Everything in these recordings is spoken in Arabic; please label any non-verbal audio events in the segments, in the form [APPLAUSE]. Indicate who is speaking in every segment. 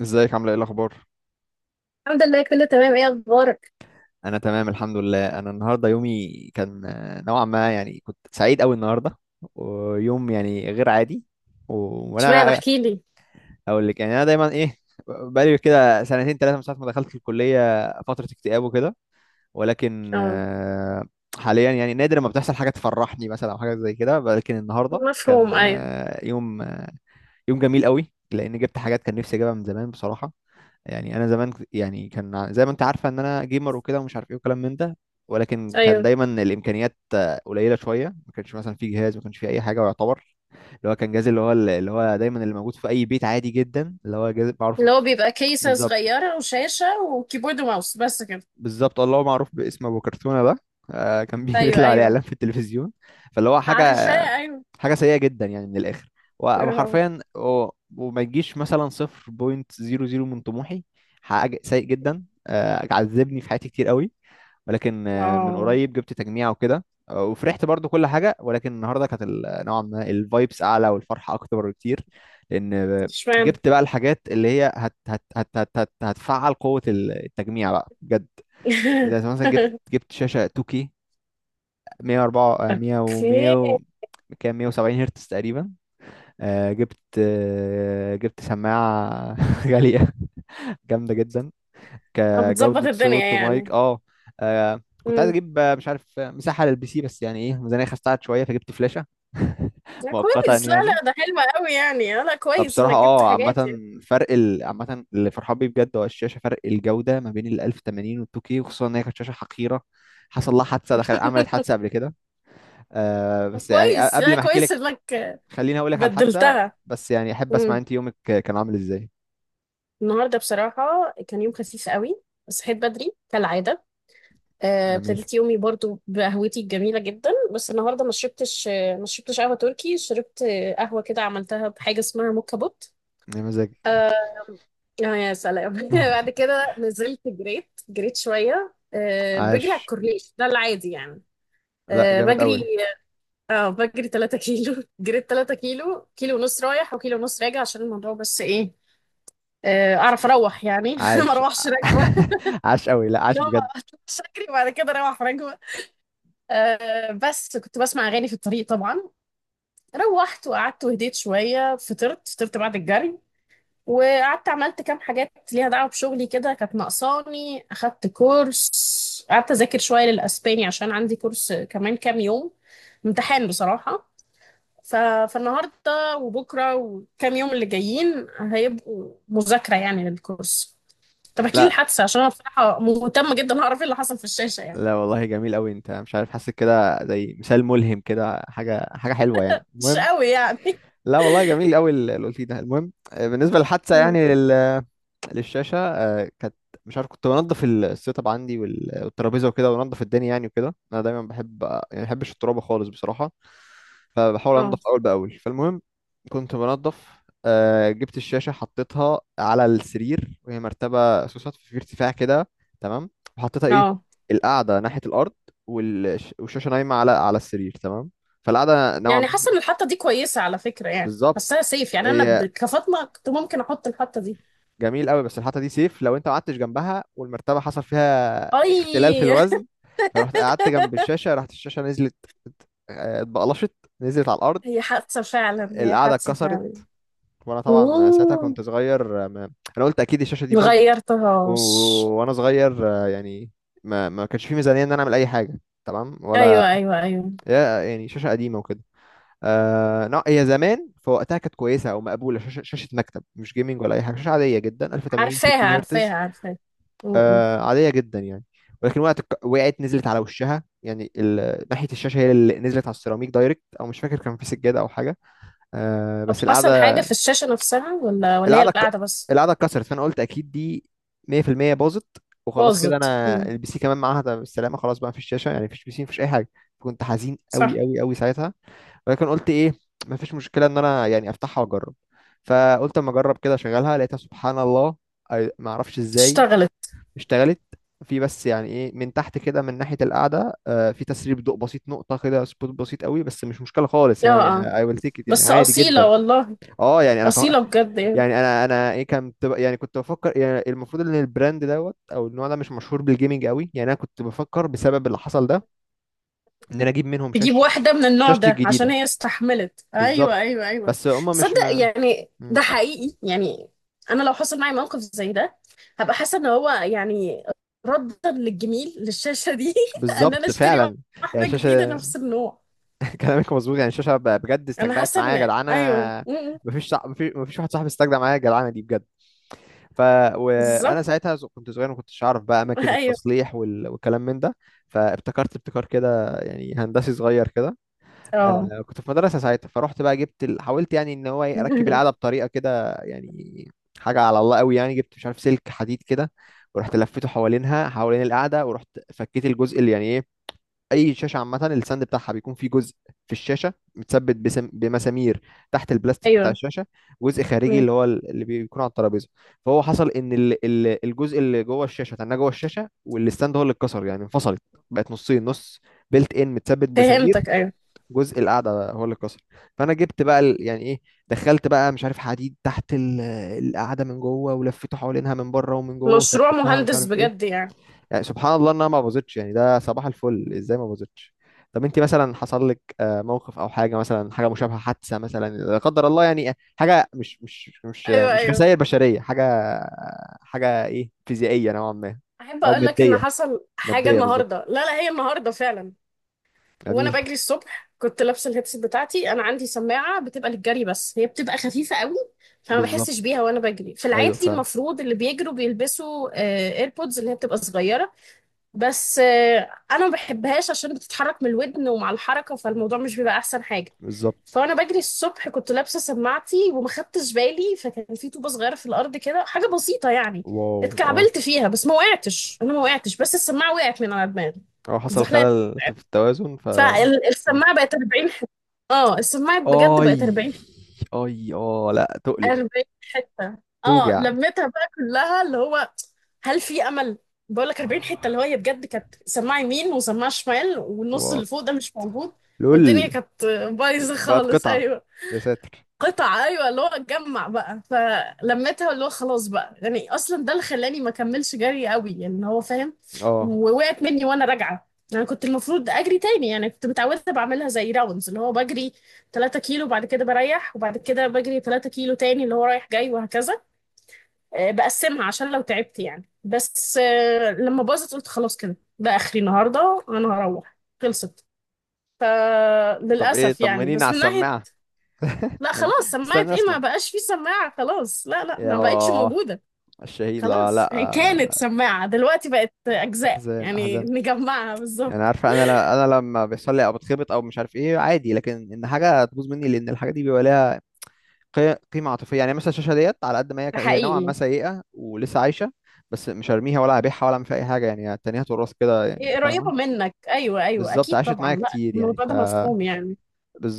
Speaker 1: ازيك، عامله ايه، الاخبار؟
Speaker 2: الحمد لله كله تمام. ايه اخبارك؟
Speaker 1: انا تمام الحمد لله. انا النهارده يومي كان نوعا ما، يعني كنت سعيد قوي النهارده. ويوم يعني غير عادي. و...
Speaker 2: اشمعنى
Speaker 1: وانا غ-
Speaker 2: احكي لي.
Speaker 1: اقول لك، يعني انا دايما ايه. بقالي كده سنتين ثلاثه من ساعه ما دخلت الكليه، فتره اكتئاب وكده. ولكن
Speaker 2: اه.
Speaker 1: حاليا يعني نادر ما بتحصل حاجه تفرحني مثلا او حاجه زي كده. ولكن النهارده
Speaker 2: مفهوم،
Speaker 1: كان
Speaker 2: ايوه.
Speaker 1: يوم، يوم جميل قوي لان جبت حاجات كان نفسي اجيبها من زمان بصراحه. يعني انا زمان يعني كان زي ما انت عارفه ان انا جيمر وكده، ومش عارف ايه وكلام من ده. ولكن كان
Speaker 2: ايوه،
Speaker 1: دايما الامكانيات قليله شويه. ما كانش مثلا في جهاز، ما كانش في اي حاجه يعتبر. اللي هو كان جهاز، اللي هو اللي هو دايما اللي موجود في اي بيت عادي جدا، اللي هو جهاز
Speaker 2: اللي هو
Speaker 1: بعرف.
Speaker 2: بيبقى كيسة
Speaker 1: بالظبط،
Speaker 2: صغيرة وشاشة وكيبورد وماوس بس كده.
Speaker 1: بالظبط، الله هو معروف باسم ابو كرتونه ده. كان [LAUGHS]
Speaker 2: ايوه
Speaker 1: بيطلع عليه
Speaker 2: ايوه.
Speaker 1: اعلان في التلفزيون. فاللي هو حاجه،
Speaker 2: عارفة، ايوه.
Speaker 1: حاجه سيئه جدا يعني من الاخر.
Speaker 2: اه
Speaker 1: وحرفيا وما يجيش مثلا 0.00 من طموحي. حاجه سيء جدا، عذبني في حياتي كتير قوي. ولكن من
Speaker 2: اه.
Speaker 1: قريب جبت تجميع وكده، وفرحت برضو كل حاجه. ولكن النهارده كانت نوعا ما الفايبس اعلى والفرحه اكتر بكتير. لان
Speaker 2: اشمعنى؟
Speaker 1: جبت بقى الحاجات اللي هي هت هت هت هت هت هتفعل قوه التجميع بقى بجد. زي مثلا جبت
Speaker 2: [LAUGHS]
Speaker 1: جبت شاشة 2K، 104، 100 و
Speaker 2: اوكي.
Speaker 1: 100 كام، 170 هرتز تقريبا. جبت جبت سماعة [LAUGHS] غالية، جامدة جدا
Speaker 2: بتظبط
Speaker 1: كجودة
Speaker 2: الدنيا
Speaker 1: صوت ومايك.
Speaker 2: يعني.
Speaker 1: اه. كنت عايز
Speaker 2: امم
Speaker 1: اجيب مش عارف مساحة للبي سي، بس يعني ايه، الميزانية خستعت شوية فجبت فلاشة [LAUGHS]
Speaker 2: لا
Speaker 1: مؤقتا
Speaker 2: كويس، لا
Speaker 1: يعني.
Speaker 2: لا، ده حلو قوي يعني، لا كويس
Speaker 1: فبصراحة
Speaker 2: انك جبت
Speaker 1: اه
Speaker 2: حاجات
Speaker 1: عامة،
Speaker 2: يعني.
Speaker 1: فرق عامة اللي فرحان بيه بجد هو الشاشة، فرق الجودة ما بين ال 1080 وال 2K. وخصوصا ان هي كانت شاشة حقيرة، حصل لها حادثة، دخلت عملت حادثة
Speaker 2: [LAUGHS]
Speaker 1: قبل كده. آه بس يعني
Speaker 2: كويس،
Speaker 1: قبل
Speaker 2: لا
Speaker 1: ما احكي
Speaker 2: كويس
Speaker 1: لك
Speaker 2: انك
Speaker 1: خليني اقول لك على الحادثه،
Speaker 2: بدلتها.
Speaker 1: بس يعني احب اسمع انت يومك كان عامل ازاي.
Speaker 2: النهارده بصراحة كان يوم خفيف قوي. صحيت بدري كالعادة.
Speaker 1: جميل،
Speaker 2: ابتديت يومي برضو بقهوتي الجميلة جدا، بس النهارده ما شربتش، ما شربتش قهوة تركي، شربت قهوة كده عملتها بحاجة اسمها موكا بوت.
Speaker 1: يا مزاجك.
Speaker 2: اه. يا سلام. [LAUGHS]
Speaker 1: [LAUGHS]
Speaker 2: بعد كده نزلت، جريت، جريت شوية، بجري على
Speaker 1: عاش.
Speaker 2: الكورنيش ده العادي يعني.
Speaker 1: لا
Speaker 2: آه،
Speaker 1: جامد
Speaker 2: بجري
Speaker 1: قوي،
Speaker 2: اه بجري 3 كيلو. [LAUGHS] جريت 3 كيلو، كيلو ونص رايح وكيلو ونص راجع عشان الموضوع، بس ايه، اعرف اروح يعني. [LAUGHS] ما
Speaker 1: عاش.
Speaker 2: اروحش راكبه.
Speaker 1: [LAUGHS] عاش قوي، لا عاش
Speaker 2: لا ما
Speaker 1: بجد.
Speaker 2: اطلعش اجري بعد كده اروح راكبه. أه، بس كنت بسمع اغاني في الطريق طبعا. روحت وقعدت وهديت شويه، فطرت بعد الجري. وقعدت عملت كام حاجات ليها دعوه بشغلي كده، كانت ناقصاني. اخدت كورس، قعدت اذاكر شويه للاسباني عشان عندي كورس كمان كام يوم امتحان بصراحه. ف... فالنهارده وبكره وكام يوم اللي جايين هيبقوا مذاكره يعني للكورس. طب احكي لي
Speaker 1: لا
Speaker 2: الحادثه عشان انا بصراحه مهتمه جدا اعرف ايه اللي حصل في الشاشه يعني.
Speaker 1: لا والله جميل قوي، انت مش عارف، حاسس كده زي مثال ملهم كده، حاجه، حاجه حلوه يعني.
Speaker 2: مش
Speaker 1: المهم،
Speaker 2: قوي يعني.
Speaker 1: لا والله جميل قوي اللي قلتيه ده. المهم بالنسبه للحادثه
Speaker 2: مم.
Speaker 1: يعني، للشاشة كانت، مش عارف، كنت بنضف السيت اب عندي والترابيزة وكده، وانضف الدنيا يعني وكده. انا دايما بحب يعني، ما بحبش الترابة خالص بصراحة، فبحاول
Speaker 2: اه
Speaker 1: انضف اول باول. فالمهم كنت بنضف، جبت الشاشة حطيتها على السرير، وهي مرتبة سوست في ارتفاع كده، تمام. وحطيتها ايه،
Speaker 2: اه،
Speaker 1: القاعدة ناحية الارض، والشاشة نايمة على السرير، تمام. فالقعدة نوعا ما،
Speaker 2: يعني حاسه ان الحطه دي كويسه على فكره، يعني
Speaker 1: بالظبط.
Speaker 2: حاساها سيف يعني، انا
Speaker 1: هي
Speaker 2: كفاطمه كنت ممكن احط الحطه دي.
Speaker 1: جميل قوي بس الحته دي سيف، لو انت ما قعدتش جنبها والمرتبه حصل فيها اختلال في
Speaker 2: اي.
Speaker 1: الوزن. فرحت قعدت جنب
Speaker 2: [LAUGHS]
Speaker 1: الشاشه، راحت الشاشه نزلت. اتبقلشت، نزلت على الارض،
Speaker 2: هي حادثه فعلا، هي
Speaker 1: القعده
Speaker 2: حادثه
Speaker 1: اتكسرت.
Speaker 2: فعلا.
Speaker 1: وانا طبعا ساعتها
Speaker 2: مم.
Speaker 1: كنت صغير، ما... انا قلت اكيد الشاشه دي باظت. و...
Speaker 2: مغيرتهاش.
Speaker 1: وانا صغير يعني ما كانش في ميزانيه ان انا اعمل اي حاجه، تمام ولا؟
Speaker 2: ايوه ايوه ايوه.
Speaker 1: يا- يعني شاشه قديمه وكده. آه، لا هي زمان في وقتها كانت كويسه او مقبوله، شاشه، شاشه مكتب، مش جيمنج ولا اي حاجه، شاشه عاديه جدا، 1080
Speaker 2: عارفاها
Speaker 1: 60
Speaker 2: عارفاها
Speaker 1: هرتز.
Speaker 2: عارفاها. مم.
Speaker 1: آه عادية جدا يعني. ولكن وقت وقعت، نزلت على وشها، يعني ناحية الشاشة هي اللي نزلت على السيراميك دايركت، أو مش فاكر كان في سجادة أو حاجة. آه
Speaker 2: طب
Speaker 1: بس
Speaker 2: حصل حاجه
Speaker 1: القعدة،
Speaker 2: في الشاشه نفسها، ولا هي
Speaker 1: القعدة ك-
Speaker 2: القعده بس؟
Speaker 1: القعدة اتكسرت. فأنا قلت أكيد دي 100% باظت، وخلاص كده
Speaker 2: باظت.
Speaker 1: أنا
Speaker 2: مم.
Speaker 1: البي سي كمان معاها ده بالسلامة، خلاص بقى مفيش شاشة يعني، مفيش بي سي، مفيش أي حاجة. كنت حزين أوي
Speaker 2: صح.
Speaker 1: أوي أوي ساعتها. ولكن قلت إيه، مفيش مشكلة إن أنا يعني أفتحها وأجرب. فقلت أما أجرب كده أشغلها، لقيتها سبحان الله، معرفش إزاي
Speaker 2: اشتغلت.
Speaker 1: اشتغلت. في بس يعني ايه، من تحت كده من ناحية القعدة في تسريب ضوء بسيط، نقطة كده، سبوت بسيط قوي، بس مش مشكلة خالص
Speaker 2: اه
Speaker 1: يعني،
Speaker 2: اه،
Speaker 1: اي ويل تيك، يعني
Speaker 2: بس
Speaker 1: عادي جدا.
Speaker 2: اصيله والله.
Speaker 1: اه. يعني انا ف...
Speaker 2: اصيله بجد يعني.
Speaker 1: يعني انا ايه كنت يعني كنت بفكر يعني، المفروض ان البراند دوت او النوع ده مش مشهور بالجيمنج قوي، يعني انا كنت بفكر بسبب اللي حصل ده ان انا اجيب منهم
Speaker 2: تجيب
Speaker 1: شاشة،
Speaker 2: واحدة من النوع
Speaker 1: شاشتي
Speaker 2: ده عشان
Speaker 1: الجديدة.
Speaker 2: هي استحملت. ايوه
Speaker 1: بالظبط.
Speaker 2: ايوه ايوه.
Speaker 1: بس هما مش
Speaker 2: تصدق
Speaker 1: ما...
Speaker 2: يعني
Speaker 1: مم.
Speaker 2: ده حقيقي يعني. انا لو حصل معايا موقف زي ده هبقى حاسة ان هو يعني ردا للجميل للشاشة دي، [LAUGHS] ان انا
Speaker 1: بالظبط
Speaker 2: اشتري
Speaker 1: فعلا. يعني
Speaker 2: واحدة جديدة
Speaker 1: شاشة،
Speaker 2: نفس النوع.
Speaker 1: كلامك مظبوط يعني. الشاشه بجد
Speaker 2: انا
Speaker 1: استجدعت
Speaker 2: حاسة
Speaker 1: معايا يا
Speaker 2: ان،
Speaker 1: جدعانه.
Speaker 2: ايوه. م- م.
Speaker 1: مفيش واحد صاحبي استجدع معايا يا جدعانه دي بجد. ف، وانا
Speaker 2: بالظبط.
Speaker 1: ساعتها كنت صغير، ما كنتش اعرف بقى
Speaker 2: [LAUGHS]
Speaker 1: اماكن
Speaker 2: ايوه.
Speaker 1: التصليح والكلام من ده، فابتكرت ابتكار كده يعني هندسي صغير كده.
Speaker 2: اه.
Speaker 1: كنت في مدرسه ساعتها، فرحت بقى جبت حاولت يعني ان هو إيه، اركب العاده
Speaker 2: [LAUGHS]
Speaker 1: بطريقه كده يعني، حاجه على الله قوي يعني. جبت مش عارف سلك حديد كده، ورحت لفيته حوالينها، حوالين القاعده، ورحت فكيت الجزء اللي يعني ايه، اي شاشه عامه الساند بتاعها بيكون فيه جزء في الشاشه متثبت بمسامير تحت البلاستيك بتاع
Speaker 2: ايوه.
Speaker 1: الشاشه، جزء خارجي
Speaker 2: م.
Speaker 1: اللي هو اللي بيكون على الترابيزه. فهو حصل ان الجزء اللي جوه الشاشه تناه جوه الشاشه، والستاند هو اللي اتكسر، يعني انفصلت، بقت نصين نص، بيلت ان متثبت بسامير.
Speaker 2: فهمتك، ايوه.
Speaker 1: جزء القعده هو اللي اتكسر. فانا جبت بقى يعني ايه، دخلت بقى مش عارف حديد تحت القعده من جوه، ولفيته حوالينها من بره ومن جوه
Speaker 2: مشروع
Speaker 1: وثبتها ومش
Speaker 2: مهندس
Speaker 1: عارف
Speaker 2: بجد
Speaker 1: ايه.
Speaker 2: يعني.
Speaker 1: يعني سبحان الله انها ما باظتش يعني، ده صباح الفل ازاي ما باظتش. طب انت مثلا حصل لك موقف او حاجه، مثلا حاجه مشابهه، حادثه مثلا لا قدر الله يعني، حاجه مش مش مش
Speaker 2: ايوه
Speaker 1: مش
Speaker 2: ايوه.
Speaker 1: خسائر بشريه، حاجه، حاجه ايه فيزيائيه نوعا ما،
Speaker 2: احب
Speaker 1: او
Speaker 2: اقول لك ان
Speaker 1: ماديه.
Speaker 2: حصل حاجه
Speaker 1: ماديه بالظبط.
Speaker 2: النهارده، لا لا، هي النهارده فعلا، وانا
Speaker 1: جميل.
Speaker 2: بجري الصبح كنت لابسه الهيدسيت بتاعتي. انا عندي سماعه بتبقى للجري بس هي بتبقى خفيفه قوي، فما
Speaker 1: بالظبط.
Speaker 2: بحسش بيها وانا بجري. في
Speaker 1: ايوه
Speaker 2: العادي
Speaker 1: فعلا.
Speaker 2: المفروض اللي بيجروا بيلبسوا ايربودز، اللي هي بتبقى صغيره، بس انا ما بحبهاش عشان بتتحرك من الودن، ومع الحركه فالموضوع مش بيبقى احسن حاجه.
Speaker 1: بالظبط.
Speaker 2: فانا بجري الصبح كنت لابسه سماعتي وما خدتش بالي، فكان في طوبه صغيره في الارض كده، حاجه بسيطه يعني،
Speaker 1: واو اه.
Speaker 2: اتكعبلت فيها، بس ما وقعتش، انا ما وقعتش، بس السماعه وقعت من على دماغي،
Speaker 1: اه، حصل
Speaker 2: اتزحلقت،
Speaker 1: خلل في التوازن ف. مم.
Speaker 2: فالسماعة بقت 40 حتة. اه، السماعة بجد
Speaker 1: اي،
Speaker 2: بقت 40 حتة.
Speaker 1: اي اه لا تؤلم،
Speaker 2: 40 حتة. اه،
Speaker 1: توجع.
Speaker 2: لميتها بقى كلها اللي هو. هل في امل؟ بقول لك 40 حتة. اللي هو
Speaker 1: آه،
Speaker 2: هي بجد كانت سماعة يمين وسماعة شمال، والنص
Speaker 1: واو،
Speaker 2: اللي فوق ده مش موجود، والدنيا
Speaker 1: لول.
Speaker 2: كانت بايظة
Speaker 1: بقت
Speaker 2: خالص،
Speaker 1: قطعة،
Speaker 2: ايوه.
Speaker 1: يا ساتر.
Speaker 2: قطع، ايوه، اللي هو اتجمع بقى فلمتها، اللي هو خلاص بقى يعني. اصلا ده اللي خلاني ما كملش جري قوي يعني، هو فاهم،
Speaker 1: اه
Speaker 2: ووقعت مني وانا راجعه. يعني كنت المفروض اجري تاني، يعني كنت متعوده بعملها زي راوندز، اللي هو بجري 3 كيلو وبعد كده بريح وبعد كده بجري 3 كيلو تاني، اللي هو رايح جاي وهكذا. بقسمها عشان لو تعبت يعني، بس لما باظت قلت خلاص كده، ده اخري النهارده، انا هروح خلصت.
Speaker 1: طب ايه،
Speaker 2: فللاسف يعني،
Speaker 1: طمنيني على
Speaker 2: بس من ناحيه.
Speaker 1: السماعة. [LAUGHS]
Speaker 2: لا خلاص، سماعة
Speaker 1: استنى
Speaker 2: ايه،
Speaker 1: اسمع،
Speaker 2: ما بقاش في سماعة خلاص، لا لا،
Speaker 1: يا
Speaker 2: ما بقتش موجودة.
Speaker 1: الشهيد، لا لا.
Speaker 2: خلاص يعني، كانت سماعة دلوقتي بقت أجزاء
Speaker 1: احزان،
Speaker 2: يعني
Speaker 1: احزان.
Speaker 2: نجمعها
Speaker 1: يعني
Speaker 2: بالظبط.
Speaker 1: عارفة انا، لا انا لما بيحصل لي او بتخبط او مش عارف ايه عادي، لكن ان حاجة تبوظ مني، لان الحاجة دي بيبقى ليها قيمة عاطفية يعني. مثلا الشاشة ديت على قد ما هي
Speaker 2: ده
Speaker 1: هي نوعا ما
Speaker 2: حقيقي.
Speaker 1: سيئة ولسه عايشة، بس مش هرميها ولا هبيعها ولا اعمل فيها اي حاجة، يعني التانية هتورث كده يعني،
Speaker 2: إيه قريبة
Speaker 1: فاهمة؟
Speaker 2: منك، أيوة أيوة،
Speaker 1: بالظبط
Speaker 2: أكيد
Speaker 1: عاشت معايا
Speaker 2: طبعا، لا
Speaker 1: كتير يعني،
Speaker 2: الموضوع
Speaker 1: ف
Speaker 2: ده مفهوم يعني.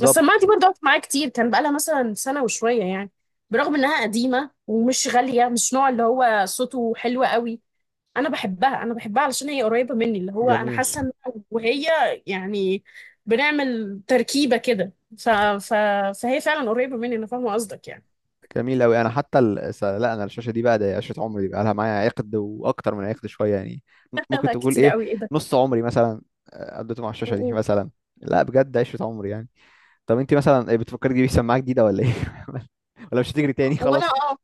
Speaker 2: بس السماعة دي برضه قعدت معايا كتير، كان بقالها مثلا سنة وشوية يعني، برغم إنها قديمة ومش غالية، مش نوع اللي هو صوته حلو قوي. انا بحبها، انا بحبها علشان هي قريبه مني، اللي هو انا
Speaker 1: جميل،
Speaker 2: حاسه ان أنا وهي يعني بنعمل تركيبه كده، ف... ف... فهي فعلا قريبه مني، انا فاهمه قصدك يعني.
Speaker 1: جميل أوي. أنا حتى لا أنا الشاشة دي بقى ده عشرة عمري، دي بقى لها معايا عقد وأكتر من عقد شوية يعني،
Speaker 2: [LAUGHS]
Speaker 1: ممكن
Speaker 2: لا
Speaker 1: تقول
Speaker 2: كتير
Speaker 1: إيه،
Speaker 2: قوي، ايه ده؟
Speaker 1: نص عمري مثلا قضيته مع الشاشة دي مثلا، لا بجد عشرة عمري يعني. طب أنت مثلا إيه، بتفكري تجيبي سماعة جديدة ولا إيه؟ [LAUGHS] ولا مش هتجري تاني
Speaker 2: وانا،
Speaker 1: خلاص؟
Speaker 2: اه،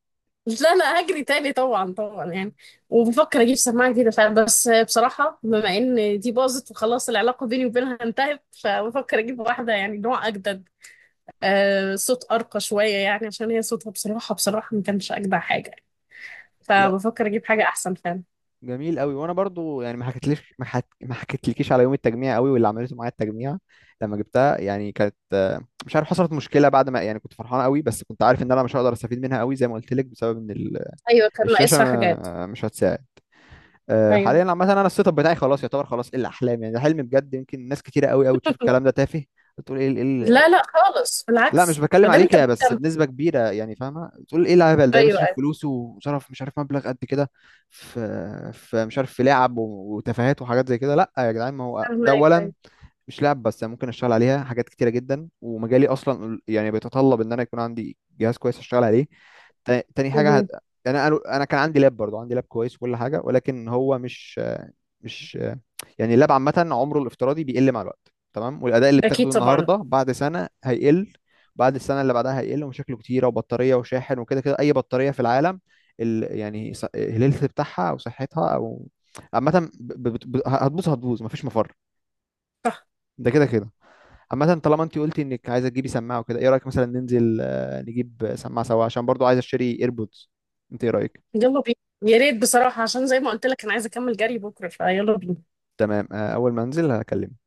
Speaker 2: لا لا هجري تاني طبعا طبعا يعني، وبفكر اجيب سماعه جديده فعلا. بس بصراحه بما ان دي باظت وخلاص، العلاقه بيني وبينها انتهت، فبفكر اجيب واحده يعني نوع اجدد، آه، صوت ارقى شويه يعني، عشان هي صوتها بصراحه ما كانش اجدع حاجه،
Speaker 1: لا
Speaker 2: فبفكر اجيب حاجه احسن فعلا.
Speaker 1: جميل أوي. وأنا برضو يعني ما حكيتليش، ما حكيتلكيش على يوم التجميع أوي، واللي عملته معايا التجميع لما جبتها يعني، كانت مش عارف، حصلت مشكلة بعد ما، يعني كنت فرحان أوي بس كنت عارف إن أنا مش هقدر أستفيد منها أوي زي ما قلت لك، بسبب إن
Speaker 2: ايوه كان
Speaker 1: الشاشه
Speaker 2: ناقصها حاجات.
Speaker 1: مش هتساعد.
Speaker 2: ايوه.
Speaker 1: حاليا عامه انا السيت اب بتاعي خلاص يعتبر، خلاص ايه الاحلام يعني، ده حلم بجد. يمكن ناس كتيره قوي قوي تشوف الكلام ده
Speaker 2: [LAUGHS]
Speaker 1: تافه، بتقول ايه
Speaker 2: لا لا خالص،
Speaker 1: لا مش
Speaker 2: بالعكس، ما
Speaker 1: بتكلم
Speaker 2: دام
Speaker 1: عليك
Speaker 2: انت
Speaker 1: يا، بس
Speaker 2: مهتم.
Speaker 1: بنسبه كبيره يعني، فاهمه. بتقول ايه الهبل ده،
Speaker 2: ايوه
Speaker 1: بيصرف
Speaker 2: ايوه.
Speaker 1: فلوسه وصرف مش عارف مبلغ قد كده في في مش عارف في لعب وتفاهات وحاجات زي كده. لا يا جدعان، ما هو
Speaker 2: فهمك،
Speaker 1: ده اولا
Speaker 2: ايوه.
Speaker 1: مش لعب بس، أنا ممكن اشتغل عليها حاجات كتيره جدا، ومجالي اصلا يعني بيتطلب ان انا يكون عندي جهاز كويس اشتغل عليه. تاني حاجه هت...
Speaker 2: مهم.
Speaker 1: يعني انا كان عندي لاب برضو، عندي لاب كويس وكل حاجه، ولكن هو مش يعني. اللاب عامه عمره الافتراضي بيقل مع الوقت، تمام، والاداء اللي
Speaker 2: اكيد
Speaker 1: بتاخده
Speaker 2: طبعا.
Speaker 1: النهارده بعد سنه هيقل، بعد السنه اللي بعدها هيقل، ومشاكله كتيره، وبطاريه وشاحن وكده كده. اي بطاريه في العالم يعني الهيلث بتاعها او صحتها، او عامه هتبوظ، هتبوظ مفيش مفر
Speaker 2: صح.
Speaker 1: ده كده كده. عامة طالما انت قلتي انك عايزه تجيبي سماعه وكده، ايه رايك مثلا ننزل نجيب سماعه سوا عشان برضو عايز اشتري ايربودز. انت ايه رايك؟
Speaker 2: يلا بينا. يا ريت بصراحه، عشان زي ما قلت لك انا عايزه اكمل جري بكره، فيلا بينا.
Speaker 1: تمام، اول ما انزل هكلمك.